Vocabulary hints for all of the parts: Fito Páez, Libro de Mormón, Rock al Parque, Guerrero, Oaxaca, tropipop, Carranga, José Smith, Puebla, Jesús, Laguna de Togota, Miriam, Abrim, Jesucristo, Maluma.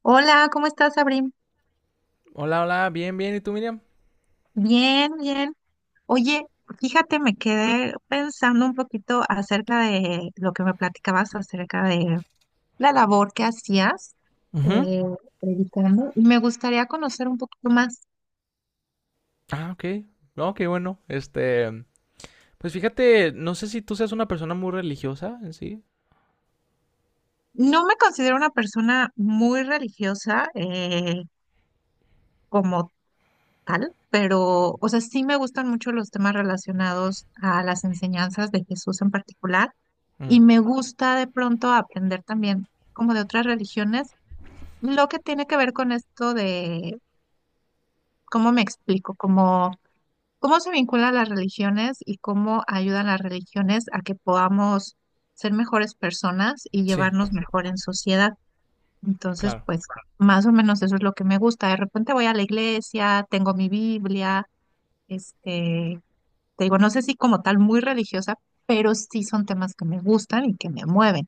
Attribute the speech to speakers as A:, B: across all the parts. A: Hola, ¿cómo estás, Abrim?
B: Hola, hola, bien, bien. ¿Y tú, Miriam?
A: Bien, bien. Oye, fíjate, me quedé pensando un poquito acerca de lo que me platicabas acerca de la labor que hacías
B: Ujú.
A: eh, predicando y me gustaría conocer un poquito más.
B: Ah, ok. No, qué bueno. Pues fíjate, no sé si tú seas una persona muy religiosa en sí.
A: No me considero una persona muy religiosa como tal, pero, o sea, sí me gustan mucho los temas relacionados a las enseñanzas de Jesús en particular y
B: Mm,
A: me gusta de pronto aprender también como de otras religiones. Lo que tiene que ver con esto de cómo me explico, cómo se vinculan las religiones y cómo ayudan las religiones a que podamos ser mejores personas y
B: sí,
A: llevarnos mejor en sociedad. Entonces,
B: claro.
A: pues más o menos eso es lo que me gusta. De repente voy a la iglesia, tengo mi Biblia, este, te digo, no sé si como tal muy religiosa, pero sí son temas que me gustan y que me mueven.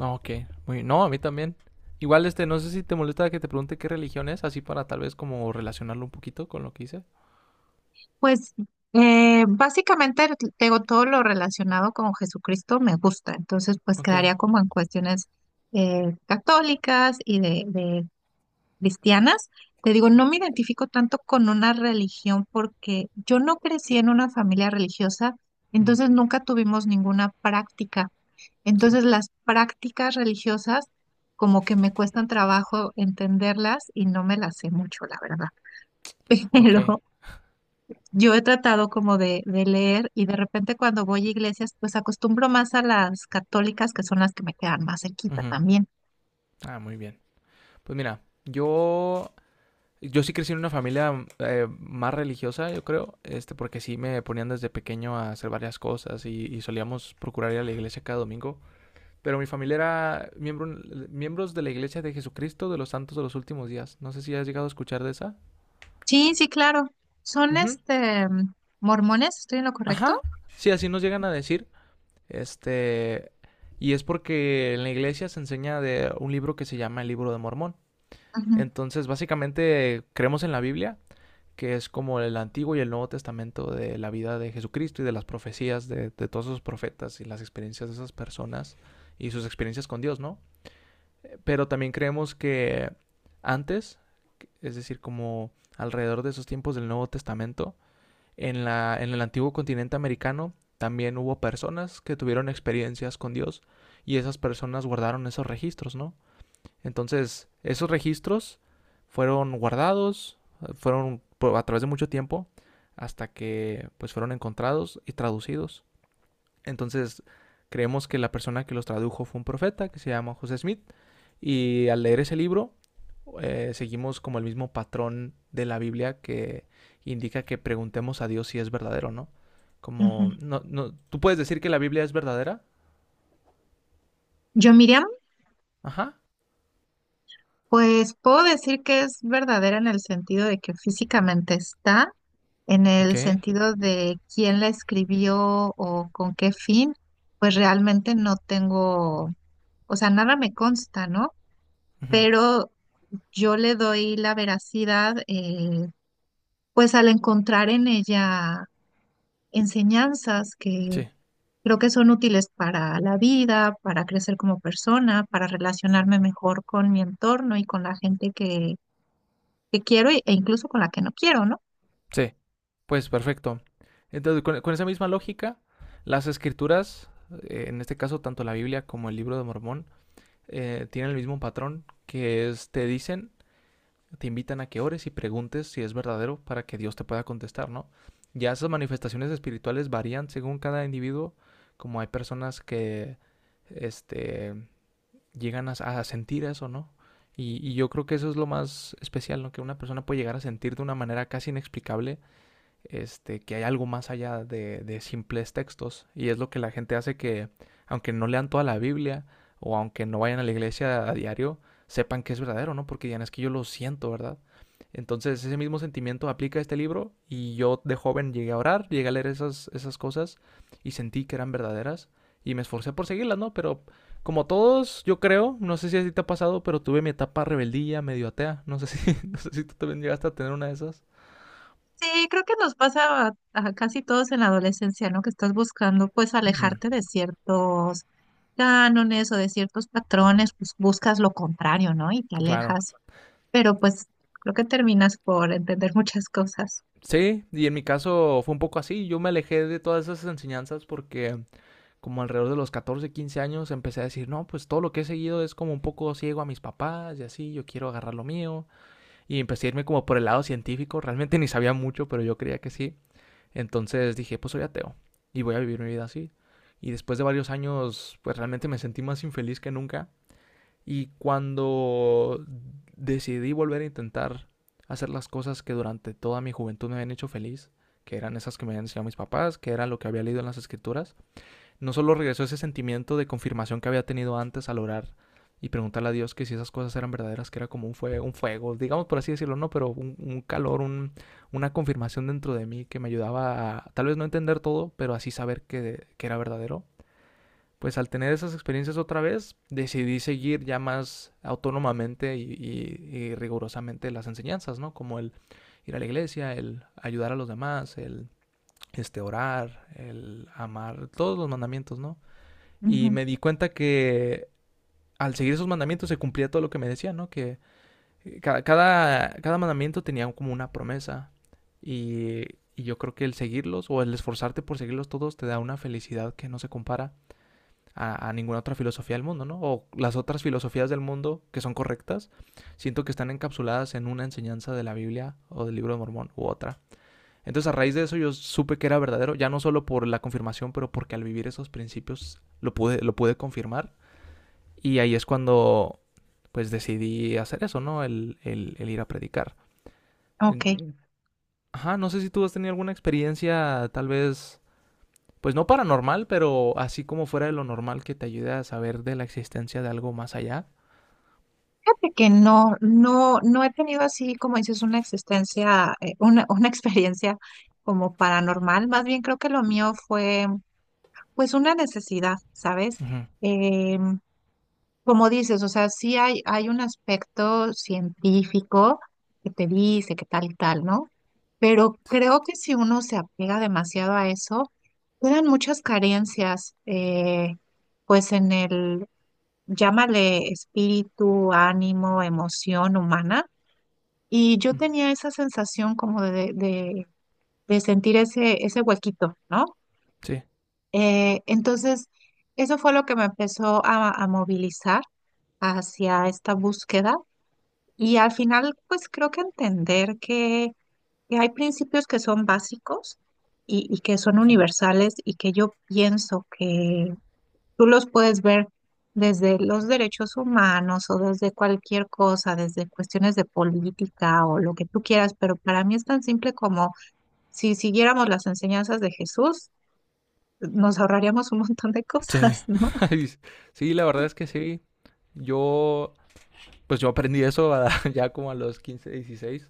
B: Ah, ok, muy bien. No, a mí también. Igual, no sé si te molesta que te pregunte qué religión es, así para tal vez como relacionarlo un poquito con lo que hice.
A: Pues básicamente tengo todo lo relacionado con Jesucristo me gusta, entonces pues
B: Ok.
A: quedaría como en cuestiones católicas y de cristianas. Te digo, no me identifico tanto con una religión porque yo no crecí en una familia religiosa,
B: Mm,
A: entonces nunca tuvimos ninguna práctica.
B: sí.
A: Entonces las prácticas religiosas como que me cuestan trabajo entenderlas y no me las sé mucho, la verdad.
B: Ok.
A: Pero yo he tratado como de leer y de repente cuando voy a iglesias, pues acostumbro más a las católicas, que son las que me quedan más cerquita
B: Ujú.
A: también.
B: Ah, muy bien. Pues mira, yo sí crecí en una familia más religiosa, yo creo, porque sí me ponían desde pequeño a hacer varias cosas y solíamos procurar ir a la iglesia cada domingo. Pero mi familia era miembros de la Iglesia de Jesucristo de los Santos de los Últimos Días. No sé si has llegado a escuchar de esa.
A: Sí, sí, claro. Son
B: Ujú.
A: este mormones, ¿estoy en lo correcto?
B: Ajá. Sí, así nos llegan a decir. Este, y es porque en la iglesia se enseña de un libro que se llama el Libro de Mormón.
A: Ujú,
B: Entonces, básicamente, creemos en la Biblia, que es como el Antiguo y el Nuevo Testamento de la vida de Jesucristo y de las profecías de todos esos profetas y las experiencias de esas personas y sus experiencias con Dios, ¿no? Pero también creemos que antes, es decir, como alrededor de esos tiempos del Nuevo Testamento, en el antiguo continente americano también hubo personas que tuvieron experiencias con Dios y esas personas guardaron esos registros, ¿no? Entonces, esos registros fueron guardados, fueron a través de mucho tiempo, hasta que pues fueron encontrados y traducidos. Entonces, creemos que la persona que los tradujo fue un profeta que se llama José Smith. Y al leer ese libro, seguimos como el mismo patrón de la Biblia que indica que preguntemos a Dios si es verdadero o no.
A: ujú.
B: Como, no, no, tú puedes decir que la Biblia es verdadera.
A: Yo, Miriam,
B: Ajá.
A: pues puedo decir que es verdadera en el sentido de que físicamente está, en
B: Ok.
A: el sentido de quién la escribió o con qué fin, pues realmente no tengo, o sea, nada me consta, ¿no?
B: Ujú.
A: Pero yo le doy la veracidad, pues al encontrar en ella enseñanzas que
B: Sí.
A: creo que son útiles para la vida, para crecer como persona, para relacionarme mejor con mi entorno y con la gente que quiero e incluso con la que no quiero, ¿no?
B: Sí. Pues perfecto. Entonces, con esa misma lógica, las escrituras, en este caso tanto la Biblia como el Libro de Mormón, tienen el mismo patrón que es te dicen, te invitan a que ores y preguntes si es verdadero para que Dios te pueda contestar, ¿no? Ya esas manifestaciones espirituales varían según cada individuo, como hay personas que este, llegan a sentir eso, ¿no? Y yo creo que eso es lo más especial, ¿no? Que una persona puede llegar a sentir de una manera casi inexplicable que hay algo más allá de simples textos. Y es lo que la gente hace que, aunque no lean toda la Biblia o aunque no vayan a la iglesia a diario, sepan que es verdadero, ¿no? Porque digan, es que yo lo siento, ¿verdad? Entonces ese mismo sentimiento aplica a este libro y yo de joven llegué a orar, llegué a leer esas cosas y sentí que eran verdaderas y me esforcé por seguirlas, ¿no? Pero como todos, yo creo, no sé si a ti te ha pasado, pero tuve mi etapa rebeldía, medio atea, no sé si, no sé si tú también llegaste a tener una de esas.
A: Sí, creo que nos pasa a casi todos en la adolescencia, ¿no? Que estás buscando pues
B: Uh -huh.
A: alejarte de ciertos cánones o de ciertos patrones, pues buscas lo contrario, ¿no? Y te
B: Claro,
A: alejas, pero pues creo que terminas por entender muchas cosas.
B: sí, y en mi caso fue un poco así. Yo me alejé de todas esas enseñanzas porque como alrededor de los 14, 15 años empecé a decir, no, pues todo lo que he seguido es como un poco ciego a mis papás y así, yo quiero agarrar lo mío. Y empecé a irme como por el lado científico. Realmente ni sabía mucho, pero yo creía que sí. Entonces dije, pues soy ateo y voy a vivir mi vida así. Y después de varios años, pues realmente me sentí más infeliz que nunca. Y cuando decidí volver a intentar hacer las cosas que durante toda mi juventud me habían hecho feliz, que eran esas que me habían enseñado mis papás, que era lo que había leído en las escrituras, no solo regresó ese sentimiento de confirmación que había tenido antes al orar y preguntarle a Dios que si esas cosas eran verdaderas, que era como un fuego digamos por así decirlo, no, pero un calor, una confirmación dentro de mí que me ayudaba a tal vez no entender todo, pero así saber que era verdadero pues al tener esas experiencias otra vez, decidí seguir ya más autónomamente y rigurosamente las enseñanzas, ¿no? Como el ir a la iglesia, el ayudar a los demás, el orar, el amar, todos los mandamientos, ¿no? Y
A: Ujú.
B: me di cuenta que al seguir esos mandamientos se cumplía todo lo que me decían, ¿no? Que cada mandamiento tenía como una promesa y, yo creo que el seguirlos o el esforzarte por seguirlos todos te da una felicidad que no se compara a ninguna otra filosofía del mundo, ¿no? O las otras filosofías del mundo que son correctas, siento que están encapsuladas en una enseñanza de la Biblia o del Libro de Mormón u otra. Entonces a raíz de eso yo supe que era verdadero, ya no solo por la confirmación, pero porque al vivir esos principios lo pude confirmar. Y ahí es cuando pues decidí hacer eso, ¿no? El ir a predicar.
A: Ok,
B: Ajá, no sé si tú has tenido alguna experiencia tal vez pues no paranormal, pero así como fuera de lo normal que te ayude a saber de la existencia de algo más allá.
A: fíjate que no, no, no he tenido así, como dices, una existencia, una, una experiencia como paranormal. Más bien creo que lo mío fue, pues, una necesidad, ¿sabes?
B: Ujú.
A: Em, Como dices, o sea, sí hay un aspecto científico que te dice que tal y tal, ¿no? Pero creo que si uno se apega demasiado a eso, quedan muchas carencias, pues en el, llámale espíritu, ánimo, emoción humana. Y yo tenía esa sensación como de sentir ese, ese huequito, ¿no?
B: Sí,
A: Entonces, eso fue lo que me empezó a movilizar hacia esta búsqueda. Y al final, pues creo que entender que hay principios que son básicos y que son
B: sí.
A: universales y que yo pienso que tú los puedes ver desde los derechos humanos o desde cualquier cosa, desde cuestiones de política o lo que tú quieras, pero para mí es tan simple como si siguiéramos las enseñanzas de Jesús, nos ahorraríamos un montón de
B: Sí.
A: cosas, ¿no?
B: Sí, la verdad es que sí. Yo, pues yo aprendí eso a- ya como a los 15, 16.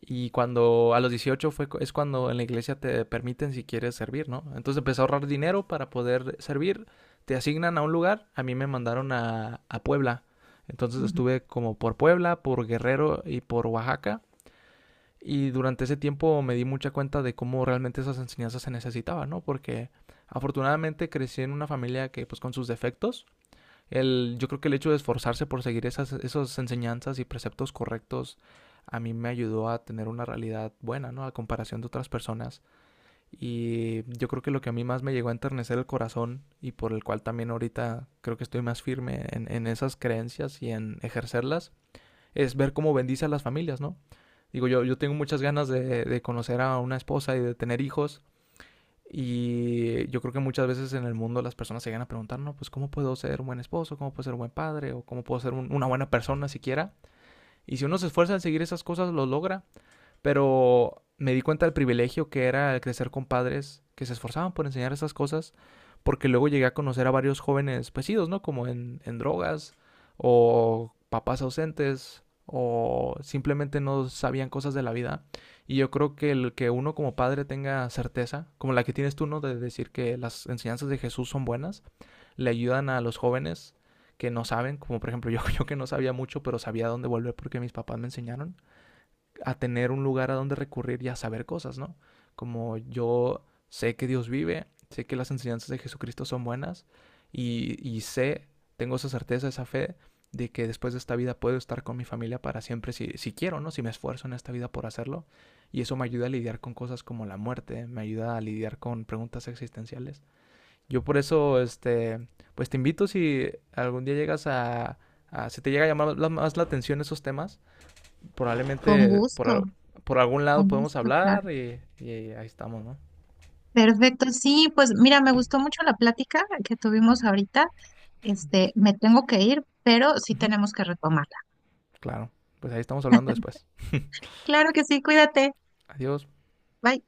B: Y cuando a los 18 fue, es cuando en la iglesia te permiten si quieres servir, ¿no? Entonces empecé a ahorrar dinero para poder servir. Te asignan a un lugar. A mí me mandaron a Puebla. Entonces
A: Ujú.
B: estuve como por Puebla, por Guerrero y por Oaxaca. Y durante ese tiempo me di mucha cuenta de cómo realmente esas enseñanzas se necesitaban, ¿no? Porque afortunadamente crecí en una familia que, pues, con sus defectos, el, yo creo que el hecho de esforzarse por seguir esas enseñanzas y preceptos correctos a mí me ayudó a tener una realidad buena, ¿no? A comparación de otras personas. Y yo creo que lo que a mí más me llegó a enternecer el corazón y por el cual también ahorita creo que estoy más firme en esas creencias y en ejercerlas, es ver cómo bendice a las familias, ¿no? Digo, yo tengo muchas ganas de conocer a una esposa y de tener hijos. Y yo creo que muchas veces en el mundo las personas se llegan a preguntar, no, pues cómo puedo ser un buen esposo, cómo puedo ser un buen padre, o cómo puedo ser una buena persona siquiera. Y si uno se esfuerza en seguir esas cosas, lo logra. Pero me di cuenta del privilegio que era el crecer con padres que se esforzaban por enseñar esas cosas, porque luego llegué a conocer a varios jóvenes pesidos, ¿no? Como en drogas, o papás ausentes, o simplemente no sabían cosas de la vida. Y yo creo que el que uno como padre tenga certeza, como la que tienes tú, ¿no? De decir que las enseñanzas de Jesús son buenas, le ayudan a los jóvenes que no saben, como por ejemplo yo que no sabía mucho, pero sabía dónde volver porque mis papás me enseñaron a tener un lugar a donde recurrir y a saber cosas, ¿no? Como yo sé que Dios vive, sé que las enseñanzas de Jesucristo son buenas y tengo esa certeza, esa fe de que después de esta vida puedo estar con mi familia para siempre si quiero, ¿no? Si me esfuerzo en esta vida por hacerlo. Y eso me ayuda a lidiar con cosas como la muerte, me ayuda a lidiar con preguntas existenciales. Yo por eso, pues te invito si algún día llegas a si te llega a llamar más la atención esos temas,
A: Con
B: probablemente
A: gusto,
B: por algún
A: con
B: lado podemos
A: gusto, claro.
B: hablar y ahí estamos, ¿no?
A: Perfecto, sí, pues mira, me gustó mucho la plática que tuvimos ahorita. Este, me tengo que ir, pero sí
B: Ujú.
A: tenemos que retomarla.
B: Claro. Pues ahí estamos hablando después.
A: Claro que sí, cuídate.
B: Adiós.
A: Bye.